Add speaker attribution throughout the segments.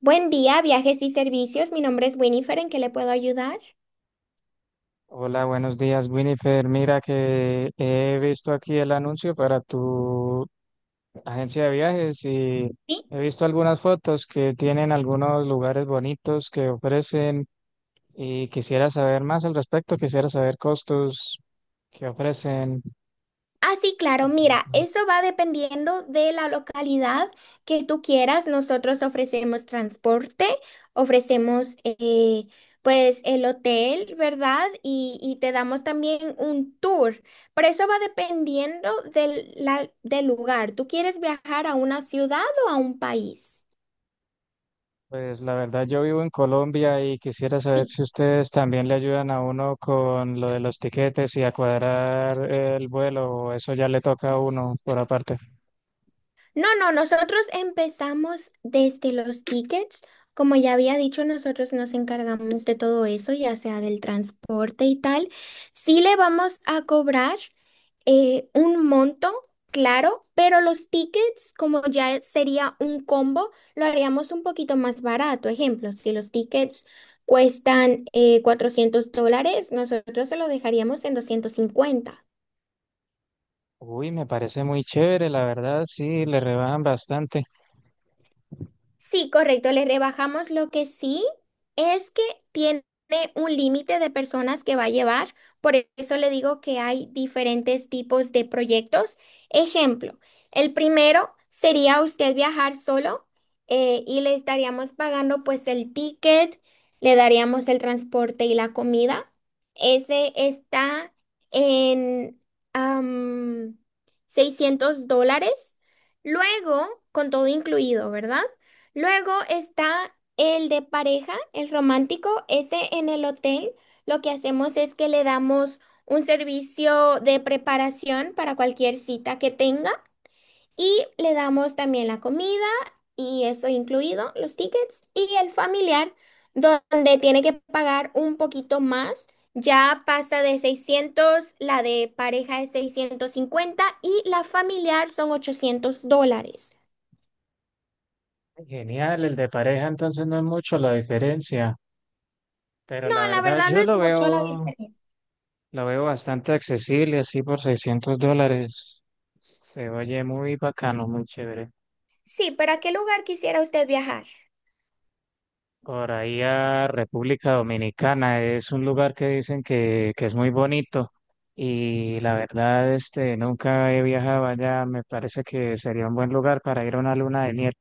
Speaker 1: Buen día, viajes y servicios. Mi nombre es Winifred. ¿En qué le puedo ayudar?
Speaker 2: Hola, buenos días, Winifred. Mira que he visto aquí el anuncio para tu agencia de viajes y
Speaker 1: Sí.
Speaker 2: he visto algunas fotos que tienen algunos lugares bonitos que ofrecen y quisiera saber más al respecto, quisiera saber costos que ofrecen.
Speaker 1: Ah, sí,
Speaker 2: Y,
Speaker 1: claro. Mira, eso va dependiendo de la localidad que tú quieras. Nosotros ofrecemos transporte, ofrecemos pues el hotel, ¿verdad? Y te damos también un tour. Pero eso va dependiendo del lugar. ¿Tú quieres viajar a una ciudad o a un país?
Speaker 2: pues la verdad yo vivo en Colombia y quisiera saber
Speaker 1: Sí.
Speaker 2: si ustedes también le ayudan a uno con lo de los tiquetes y a cuadrar el vuelo o eso ya le toca a uno por aparte.
Speaker 1: No, no, nosotros empezamos desde los tickets. Como ya había dicho, nosotros nos encargamos de todo eso, ya sea del transporte y tal. Sí le vamos a cobrar un monto, claro, pero los tickets, como ya sería un combo, lo haríamos un poquito más barato. Ejemplo, si los tickets cuestan $400, nosotros se lo dejaríamos en 250.
Speaker 2: Uy, me parece muy chévere, la verdad, sí, le rebajan bastante.
Speaker 1: Sí, correcto, le rebajamos lo que sí es que tiene un límite de personas que va a llevar, por eso le digo que hay diferentes tipos de proyectos. Ejemplo, el primero sería usted viajar solo y le estaríamos pagando pues el ticket, le daríamos el transporte y la comida. Ese está en am, $600, luego con todo incluido, ¿verdad? Luego está el de pareja, el romántico. Ese en el hotel lo que hacemos es que le damos un servicio de preparación para cualquier cita que tenga y le damos también la comida y eso incluido, los tickets y el familiar, donde tiene que pagar un poquito más. Ya pasa de 600, la de pareja es 650 y la familiar son $800.
Speaker 2: Genial, el de pareja entonces no es mucho la diferencia, pero
Speaker 1: No,
Speaker 2: la
Speaker 1: la
Speaker 2: verdad
Speaker 1: verdad no
Speaker 2: yo
Speaker 1: es mucho la diferencia.
Speaker 2: lo veo bastante accesible, así por $600. Se oye muy bacano, muy chévere.
Speaker 1: Sí, ¿para qué lugar quisiera usted viajar?
Speaker 2: Por ahí a República Dominicana es un lugar que dicen que es muy bonito y la verdad, este, nunca he viajado allá, me parece que sería un buen lugar para ir a una luna de miel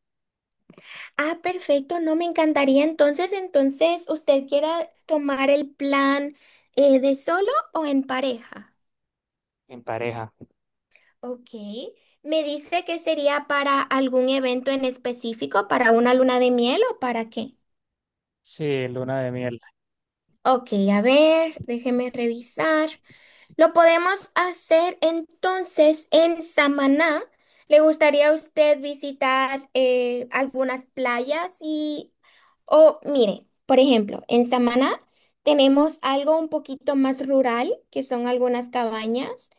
Speaker 1: Ah, perfecto, no me encantaría. Entonces, ¿usted quiera tomar el plan de solo o en pareja?
Speaker 2: en pareja.
Speaker 1: Ok. ¿Me dice que sería para algún evento en específico, para una luna de miel o para qué?
Speaker 2: Sí, luna de miel.
Speaker 1: Ok, a ver, déjeme revisar. Lo podemos hacer entonces en Samaná. ¿Le gustaría a usted visitar algunas playas? Y, o mire, por ejemplo, en Samaná tenemos algo un poquito más rural, que son algunas cabañas.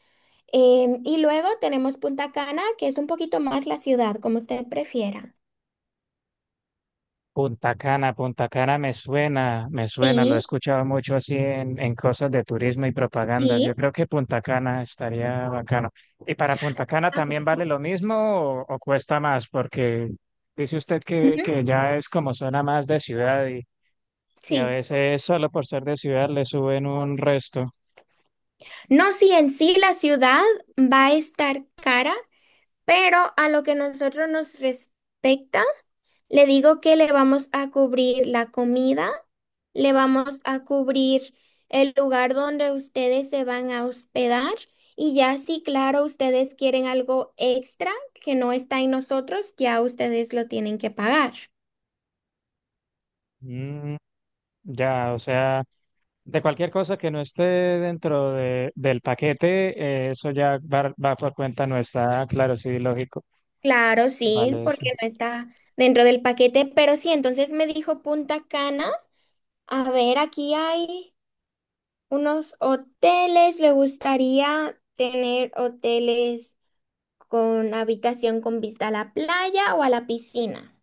Speaker 1: Y luego tenemos Punta Cana, que es un poquito más la ciudad, como usted prefiera.
Speaker 2: Punta Cana, Punta Cana me suena, lo he
Speaker 1: Sí,
Speaker 2: escuchado mucho así en cosas de turismo y propaganda. Yo
Speaker 1: sí.
Speaker 2: creo que Punta Cana estaría bacano. ¿Y para Punta Cana
Speaker 1: Ah,
Speaker 2: también vale
Speaker 1: bueno.
Speaker 2: lo mismo o cuesta más? Porque dice usted que,
Speaker 1: Ujú,
Speaker 2: que ya es como zona más de ciudad y a
Speaker 1: sí.
Speaker 2: veces solo por ser de ciudad le suben un resto.
Speaker 1: No, sí, en sí la ciudad va a estar cara, pero a lo que nosotros nos respecta, le digo que le vamos a cubrir la comida, le vamos a cubrir el lugar donde ustedes se van a hospedar y ya si, claro, ustedes quieren algo extra que no está en nosotros, ya ustedes lo tienen que pagar.
Speaker 2: Mm, ya, o sea. De cualquier cosa que no esté dentro del paquete, eso ya va por cuenta nuestra. Ah, claro, sí, lógico.
Speaker 1: Claro, sí,
Speaker 2: Vale. Sí.
Speaker 1: porque no está dentro del paquete, pero sí, entonces me dijo Punta Cana. A ver, aquí hay unos hoteles. Le gustaría tener hoteles con habitación con vista a la playa o a la piscina.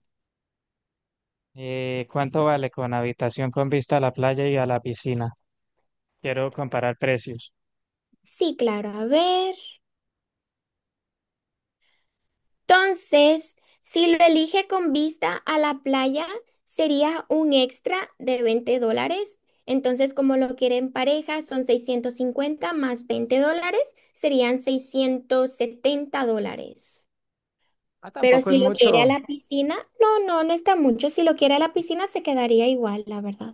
Speaker 2: ¿Cuánto vale con habitación con vista a la playa y a la piscina? Quiero comparar precios.
Speaker 1: Sí, claro, a ver. Entonces, si lo elige con vista a la playa, sería un extra de $20. Entonces, como lo quiere en pareja, son 650 más $20, serían $670.
Speaker 2: Ah,
Speaker 1: Pero
Speaker 2: tampoco
Speaker 1: si
Speaker 2: es
Speaker 1: lo quiere a
Speaker 2: mucho.
Speaker 1: la piscina, no, no, no está mucho. Si lo quiere a la piscina, se quedaría igual, la verdad.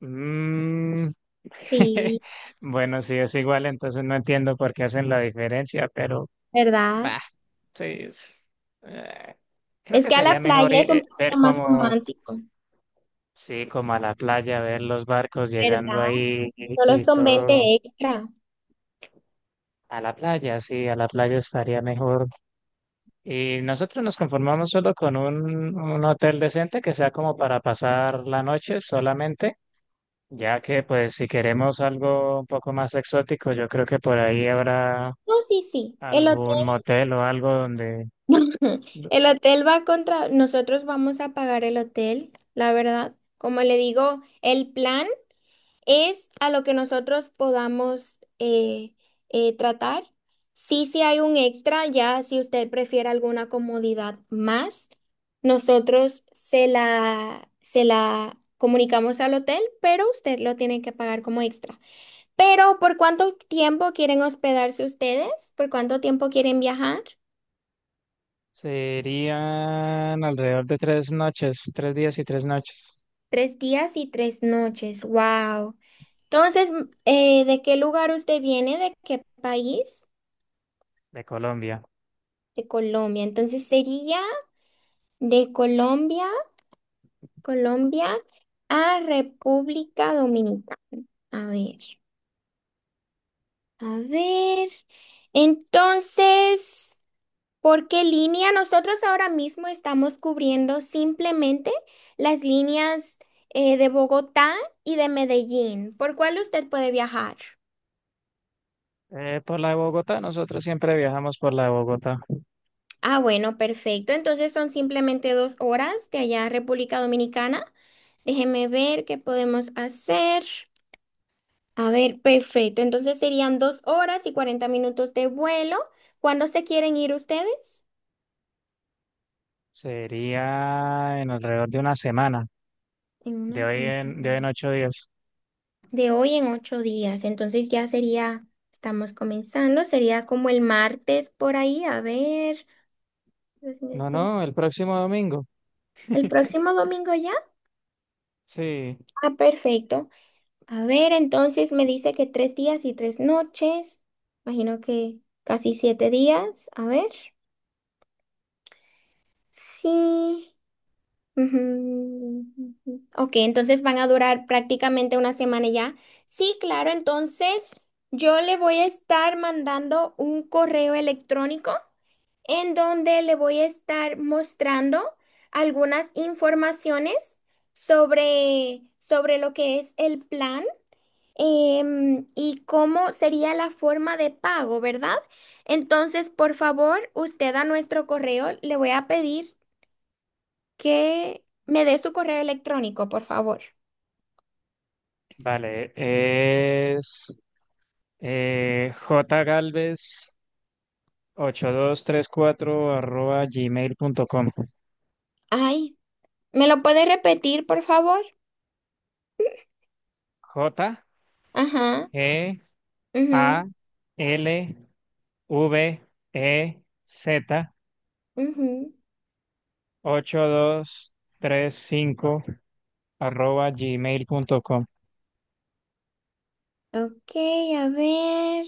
Speaker 2: Mm.
Speaker 1: Sí,
Speaker 2: Bueno, sí, es igual, entonces no entiendo por qué hacen la diferencia, pero
Speaker 1: ¿verdad?
Speaker 2: bah, sí. Eh, creo
Speaker 1: Es
Speaker 2: que
Speaker 1: que a
Speaker 2: sería
Speaker 1: la
Speaker 2: mejor
Speaker 1: playa es
Speaker 2: ir,
Speaker 1: un
Speaker 2: ver
Speaker 1: poquito más
Speaker 2: cómo.
Speaker 1: romántico,
Speaker 2: Sí, como a la playa, ver los barcos llegando
Speaker 1: ¿verdad?
Speaker 2: ahí y,
Speaker 1: Solo
Speaker 2: y
Speaker 1: son 20
Speaker 2: todo.
Speaker 1: extra.
Speaker 2: A la playa, sí, a la playa estaría mejor. Y nosotros nos conformamos solo con un hotel decente que sea como para pasar la noche solamente, ya que pues si queremos algo un poco más exótico, yo creo que por ahí habrá
Speaker 1: No, sí, sí. El hotel,
Speaker 2: algún motel o algo donde
Speaker 1: el hotel va contra, nosotros vamos a pagar el hotel, la verdad. Como le digo, el plan es a lo que nosotros podamos tratar. Sí, sí hay un extra, ya si usted prefiere alguna comodidad más, nosotros se la comunicamos al hotel, pero usted lo tiene que pagar como extra. Pero, ¿por cuánto tiempo quieren hospedarse ustedes? ¿Por cuánto tiempo quieren viajar?
Speaker 2: serían alrededor de 3 noches, 3 días y 3 noches
Speaker 1: 3 días y 3 noches. Wow. Entonces, ¿de qué lugar usted viene? ¿De qué país?
Speaker 2: de Colombia.
Speaker 1: De Colombia. Entonces sería de Colombia a República Dominicana. A ver, a ver. Entonces, ¿por qué línea? Nosotros ahora mismo estamos cubriendo simplemente las líneas de Bogotá y de Medellín. ¿Por cuál usted puede viajar?
Speaker 2: Por la de Bogotá, nosotros siempre viajamos por la de Bogotá.
Speaker 1: Ah, bueno, perfecto. Entonces son simplemente dos horas de allá a República Dominicana. Déjeme ver qué podemos hacer. A ver, perfecto. Entonces serían 2 horas y 40 minutos de vuelo. ¿Cuándo se quieren ir ustedes?
Speaker 2: Sería en alrededor de una semana,
Speaker 1: En una
Speaker 2: de hoy en
Speaker 1: semana.
Speaker 2: 8 días.
Speaker 1: De hoy en 8 días. Entonces ya sería, estamos comenzando, sería como el martes por ahí. A ver,
Speaker 2: No, no, el próximo domingo.
Speaker 1: ¿el próximo domingo ya?
Speaker 2: Sí,
Speaker 1: Ah, perfecto. A ver, entonces me dice que 3 días y 3 noches. Imagino que casi 7 días. A ver. Sí. Ujú, ujú. Ok, entonces van a durar prácticamente una semana ya. Sí, claro, entonces yo le voy a estar mandando un correo electrónico en donde le voy a estar mostrando algunas informaciones sobre lo que es el plan y cómo sería la forma de pago, ¿verdad? Entonces, por favor, usted a nuestro correo le voy a pedir que me dé su correo electrónico, por favor.
Speaker 2: vale, es jgalvez8234@gmail.com.
Speaker 1: Ay, ¿me lo puede repetir, por favor?
Speaker 2: J
Speaker 1: Ajá.
Speaker 2: G A
Speaker 1: Mhm,
Speaker 2: L V E Z
Speaker 1: mhm.
Speaker 2: ocho dos tres cinco arroba gmail.com.
Speaker 1: Ok, a ver.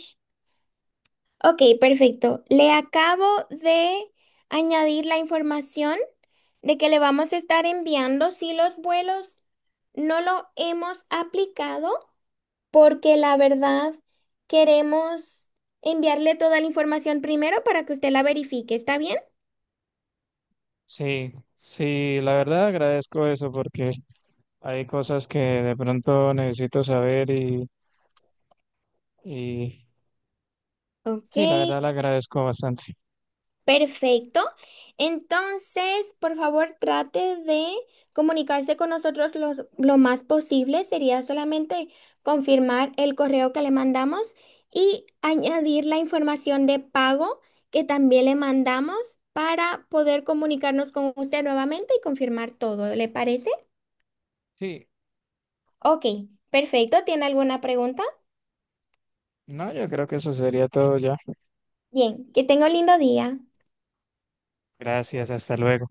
Speaker 1: Ok, perfecto. Le acabo de añadir la información de que le vamos a estar enviando si los vuelos no lo hemos aplicado porque la verdad queremos enviarle toda la información primero para que usted la verifique. ¿Está bien?
Speaker 2: Sí, sí, la verdad agradezco eso porque hay cosas que de pronto necesito saber y
Speaker 1: Ok.
Speaker 2: sí, la verdad la agradezco bastante.
Speaker 1: Perfecto. Entonces, por favor, trate de comunicarse con nosotros lo más posible. Sería solamente confirmar el correo que le mandamos y añadir la información de pago que también le mandamos para poder comunicarnos con usted nuevamente y confirmar todo. ¿Le parece?
Speaker 2: Sí,
Speaker 1: Ok, perfecto. ¿Tiene alguna pregunta?
Speaker 2: no, yo creo que eso sería todo ya.
Speaker 1: Bien, que tenga un lindo día.
Speaker 2: Gracias, hasta luego.